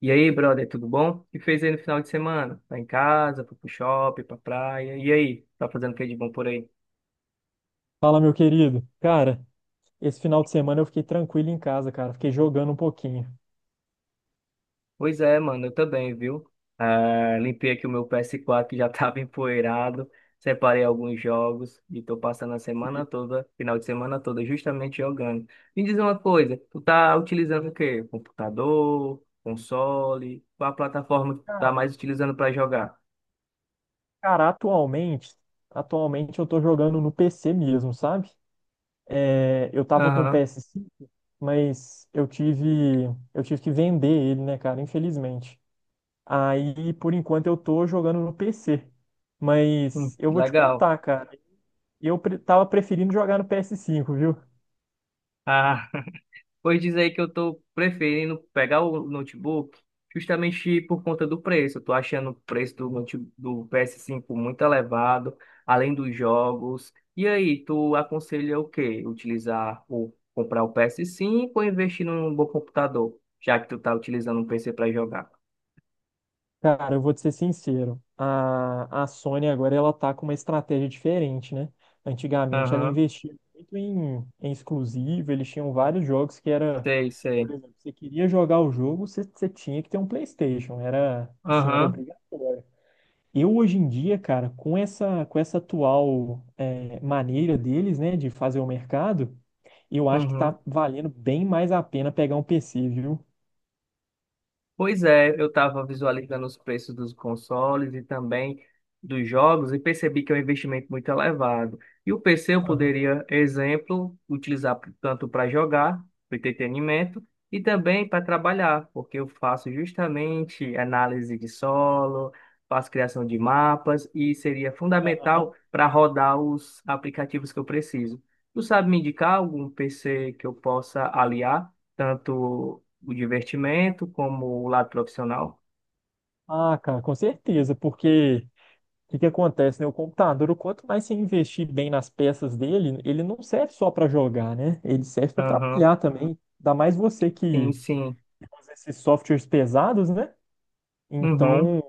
E aí, brother, tudo bom? O que fez aí no final de semana? Tá em casa, foi pro shopping, pra praia. E aí, tá fazendo o que de bom por aí? Fala, meu querido. Cara, esse final de semana eu fiquei tranquilo em casa, cara. Fiquei jogando um pouquinho. Pois é, mano, eu também, viu? Ah, limpei aqui o meu PS4 que já tava empoeirado, separei alguns jogos e tô passando a Sim. semana toda, final de semana toda, justamente jogando. Me diz uma coisa, tu tá utilizando o quê? Computador, console? Qual a plataforma que tu tá Cara, mais utilizando pra jogar? cara, atualmente eu tô jogando no PC mesmo, sabe? É, eu tava com o Aham. PS5, mas eu tive que vender ele, né, cara? Infelizmente. Aí, por enquanto, eu tô jogando no PC. Mas Hum, eu vou te legal. contar, cara. Tava preferindo jogar no PS5, viu? Ah. Pois diz aí que eu tô preferindo pegar o notebook justamente por conta do preço. Eu tô achando o preço do PS5 muito elevado, além dos jogos. E aí, tu aconselha o quê? Utilizar o comprar o PS5 ou investir num bom computador, já que tu tá utilizando um PC para jogar? Cara, eu vou te ser sincero. A Sony agora ela tá com uma estratégia diferente, né? Antigamente ela Aham, investia muito em exclusivo, eles tinham vários jogos que era, sei, por sei. exemplo, você queria jogar o jogo, você tinha que ter um PlayStation, era assim, era Aham, obrigatório. Eu hoje em dia, cara, com essa atual maneira deles, né, de fazer o mercado, eu acho que uhum. tá valendo bem mais a pena pegar um PC, viu? Pois é, eu estava visualizando os preços dos consoles e também dos jogos e percebi que é um investimento muito elevado. E o PC eu Aham, poderia, exemplo, utilizar tanto para jogar, para entretenimento, e também para trabalhar, porque eu faço justamente análise de solo, faço criação de mapas e seria aham. fundamental para rodar os aplicativos que eu preciso. Tu sabe me indicar algum PC que eu possa aliar? Tanto o divertimento como o lado profissional. Ah, cara, com certeza. Porque o que que acontece, né? O computador, quanto mais você investir bem nas peças dele, ele não serve só para jogar, né? Ele serve para Aham, trabalhar também. Ainda mais você sim, que sim. usa esses softwares pesados, né? Uhum, Então,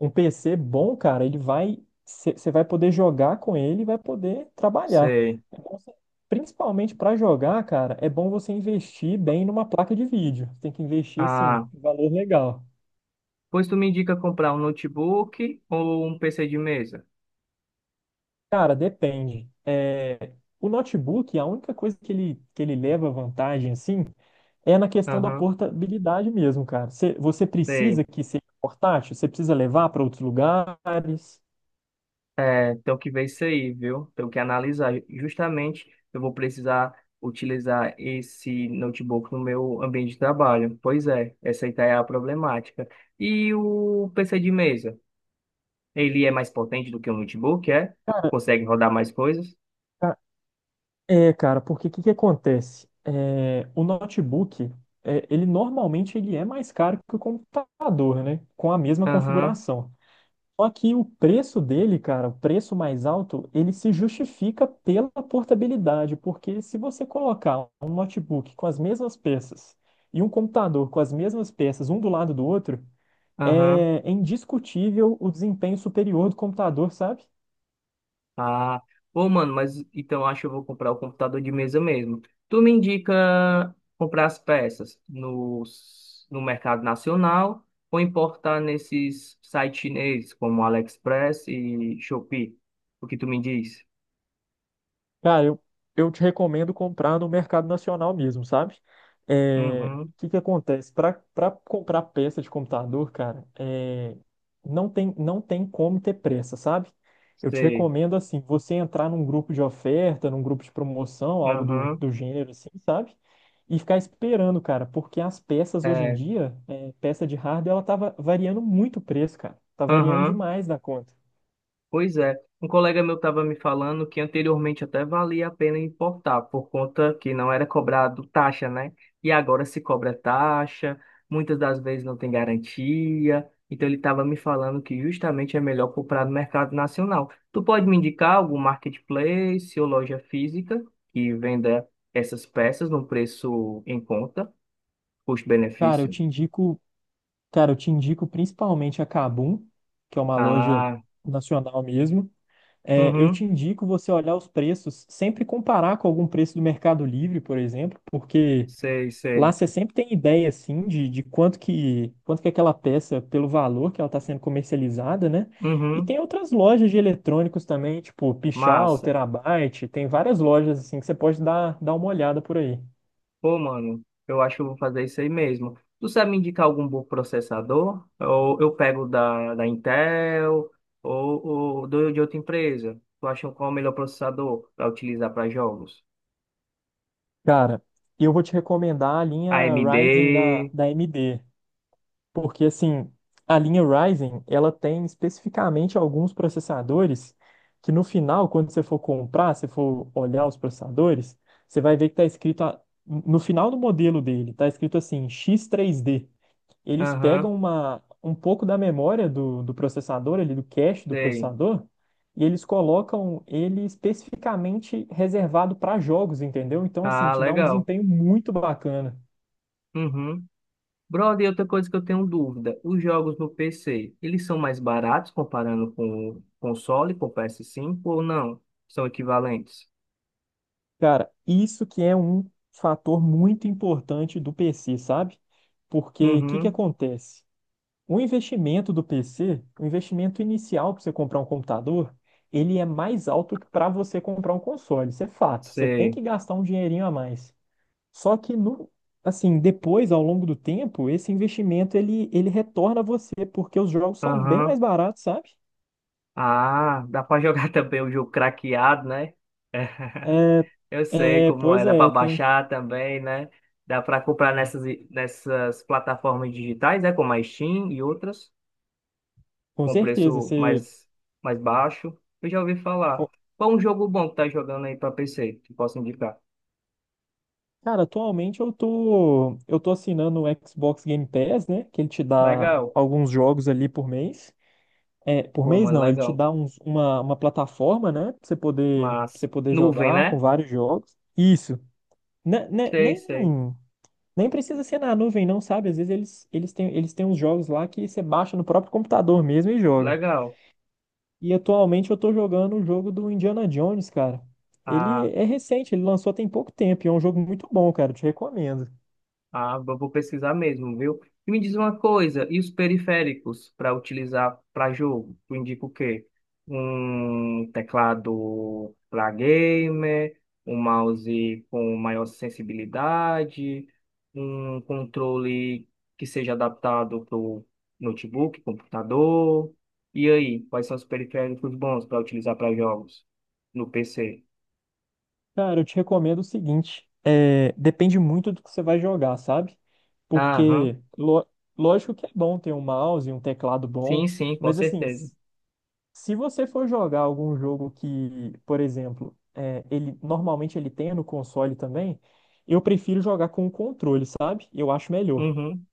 um PC bom, cara, ele vai. Você vai poder jogar com ele e vai poder trabalhar. sei. É bom você- Principalmente para jogar, cara, é bom você investir bem numa placa de vídeo. Tem que investir, assim, Ah, um valor legal. pois tu me indica comprar um notebook ou um PC de mesa? Cara, depende. É, o notebook, a única coisa que ele leva vantagem, assim, é na questão da Aham, portabilidade mesmo, cara. Você precisa sei. que seja portátil? Você precisa levar para outros lugares? É, tenho que ver isso aí, viu? Tenho que analisar. Justamente, eu vou precisar utilizar esse notebook no meu ambiente de trabalho. Pois é, essa aí tá é a problemática. E o PC de mesa? Ele é mais potente do que o notebook, é? Consegue rodar mais coisas? Ca- É, cara, porque o que que acontece? É, o notebook, é, ele normalmente ele é mais caro que o computador, né? Com a mesma Aham, configuração. Só que o preço dele, cara, o preço mais alto, ele se justifica pela portabilidade, porque se você colocar um notebook com as mesmas peças e um computador com as mesmas peças, um do lado do outro, aham. é indiscutível o desempenho superior do computador, sabe? Ah, pô, mano, mas então eu acho que eu vou comprar o computador de mesa mesmo. Tu me indica comprar as peças no mercado nacional ou importar nesses sites chineses como AliExpress e Shopee? O que tu me diz? Cara, eu, eu te recomendo comprar no mercado nacional mesmo, sabe? É, Uhum, o que que acontece? Para comprar peça de computador, cara, é, não tem como ter pressa, sabe? Eu te sei. recomendo, assim, você entrar num grupo de oferta, num grupo de promoção, algo do, Aham, do gênero, assim, sabe? E ficar esperando, cara, porque as peças hoje em é. dia, é, peça de hardware, ela variando muito o preço, cara. Tá variando Aham. demais da conta. Pois é, um colega meu estava me falando que anteriormente até valia a pena importar, por conta que não era cobrado taxa, né? E agora se cobra taxa, muitas das vezes não tem garantia. Então ele estava me falando que justamente é melhor comprar no mercado nacional. Tu pode me indicar algum marketplace ou loja física que venda essas peças num preço em conta, Cara, eu custo-benefício? te indico Cara, eu te indico principalmente a Kabum, que é uma loja Ah, nacional mesmo. É, eu te uhum, indico você olhar os preços, sempre comparar com algum preço do Mercado Livre, por exemplo, porque sei, lá sei. você sempre tem ideia, assim, de quanto que aquela peça, pelo valor que ela está sendo comercializada, né? E Uhum, tem outras lojas de eletrônicos também, tipo Pichal, massa. Terabyte, tem várias lojas, assim, que você pode dar uma olhada por aí. Pô, mano, eu acho que eu vou fazer isso aí mesmo. Tu sabe me indicar algum bom processador? Ou eu pego da Intel ou, ou de outra empresa? Tu acha qual é o melhor processador para utilizar para jogos? Cara, eu vou te recomendar a linha Ryzen da, AMD? da AMD. Porque assim, a linha Ryzen, ela tem especificamente alguns processadores que no final, quando você for comprar, se for olhar os processadores, você vai ver que no final do modelo dele, está escrito assim, X3D. Eles Aham, pegam um pouco da memória do processador, ali, do cache do sei. processador, e eles colocam ele especificamente reservado para jogos, entendeu? Então, assim, Ah, te dá um legal. desempenho muito bacana. Uhum. Brother, e outra coisa que eu tenho dúvida: os jogos no PC, eles são mais baratos comparando com o console, com o PS5 ou não? São equivalentes? Cara, isso que é um fator muito importante do PC, sabe? Porque o que que Uhum, acontece? O investimento do PC, o investimento inicial para você comprar um computador, ele é mais alto que para você comprar um console, isso é fato. Você tem sei. que gastar um dinheirinho a mais. Só que no, assim, depois, ao longo do tempo, esse investimento ele retorna a você, porque os jogos são bem Aham. mais baratos, sabe? Ah, dá pra jogar também o jogo craqueado, né? É, Eu sei é, como é, pois dá pra é, tem, baixar também, né? Dá pra comprar nessas plataformas digitais, né? Como a Steam e outras, com com certeza. preço Você mais baixo. Eu já ouvi falar. Qual um jogo bom que tá jogando aí pra PC, que posso indicar? cara, atualmente eu tô assinando o Xbox Game Pass, né? Que ele te dá Legal. alguns jogos ali por mês. É, por Pô, mês mano, não, ele te legal. dá uns- uma plataforma, né? Pra você Mas, poder nuvem, jogar com né? vários jogos. Isso. Ne- ne- Sei, sei. nem, Nem precisa ser na nuvem, não, sabe? Às vezes eles têm uns jogos lá que você baixa no próprio computador mesmo e joga. Legal. E atualmente eu tô jogando o jogo do Indiana Jones, cara. Ele Ah. é recente, ele lançou tem pouco tempo e é um jogo muito bom, cara. Eu te recomendo. Ah, eu vou pesquisar mesmo, viu? E me diz uma coisa, e os periféricos para utilizar para jogo? Tu indica o quê? Um teclado para gamer, um mouse com maior sensibilidade, um controle que seja adaptado para o notebook, computador. E aí, quais são os periféricos bons para utilizar para jogos no PC? Cara, eu te recomendo o seguinte, é, depende muito do que você vai jogar, sabe? Aham, Porque, lógico que é bom ter um mouse e um teclado sim, bom, sim, com mas assim, certeza. Se você for jogar algum jogo que, por exemplo, é, ele normalmente ele tem no console também, eu prefiro jogar com o controle, sabe? Eu acho melhor. Uhum.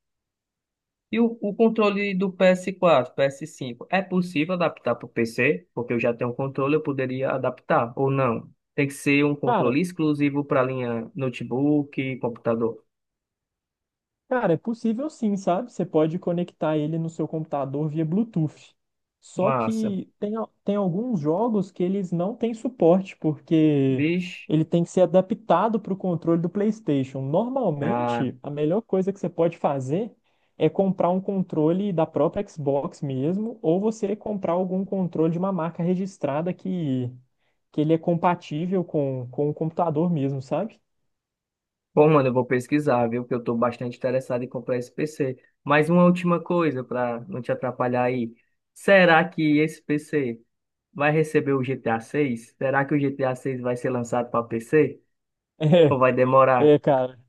E o controle do PS4, PS5, é possível adaptar para o PC? Porque eu já tenho um controle, eu poderia adaptar, ou não? Tem que ser um Cara, controle exclusivo para a linha notebook, computador. Cara, é possível sim, sabe? Você pode conectar ele no seu computador via Bluetooth. Só Massa. que tem, al- Tem alguns jogos que eles não têm suporte, porque Vixe. ele tem que ser adaptado para o controle do PlayStation. Ah, Normalmente, a melhor coisa que você pode fazer é comprar um controle da própria Xbox mesmo, ou você comprar algum controle de uma marca registrada que ele é compatível com o computador mesmo, sabe? bom, mano, eu vou pesquisar, viu? Que eu estou bastante interessado em comprar esse PC. Mas uma última coisa, para não te atrapalhar aí. Será que esse PC vai receber o GTA 6? Será que o GTA 6 vai ser lançado para PC? Ou vai demorar? Cara,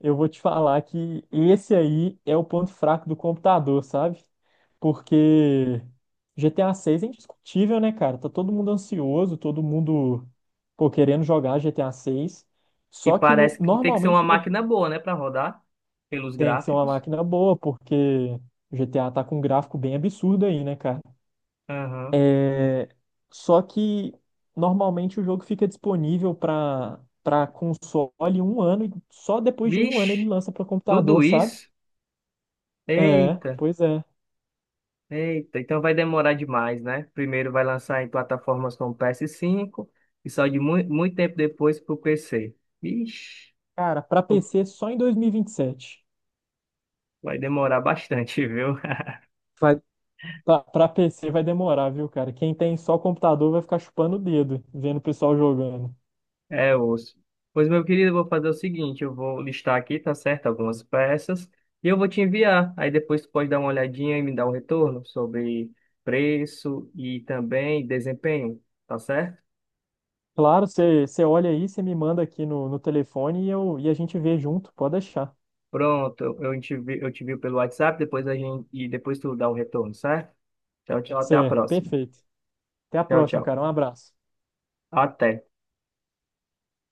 eu vou te falar que esse aí é o ponto fraco do computador, sabe? Porque GTA 6 é indiscutível, né, cara? Tá todo mundo ansioso, todo mundo, pô, querendo jogar GTA 6. E Só que no- parece que tem que ser uma normalmente no- máquina boa, né, para rodar pelos Tem que ser uma gráficos. máquina boa, porque o GTA tá com um gráfico bem absurdo aí, né, cara? Aham. É, só que normalmente o jogo fica disponível para console um ano e só depois de um ano ele Vixe, lança para tudo computador, sabe? isso? É, Eita, pois é. eita. Então vai demorar demais, né? Primeiro vai lançar em plataformas como PS5 e só de muito tempo depois para o PC. Vixe, Cara, pra uf, PC só em 2027. vai demorar bastante, viu? Vai, pra PC vai demorar, viu, cara? Quem tem só computador vai ficar chupando o dedo, vendo o pessoal jogando. É, osso. Pois, meu querido, eu vou fazer o seguinte, eu vou listar aqui, tá certo, algumas peças, e eu vou te enviar. Aí depois tu pode dar uma olhadinha e me dar um retorno sobre preço e também desempenho, tá certo? Claro, você olha aí, você me manda aqui no telefone e, eu, e a gente vê junto, pode deixar. Pronto, eu te vi pelo WhatsApp, depois a gente, e depois tu dá um retorno, certo? Tchau, tchau, até a Certo, próxima. perfeito. Até a Tchau, próxima, tchau. cara. Um abraço. Até.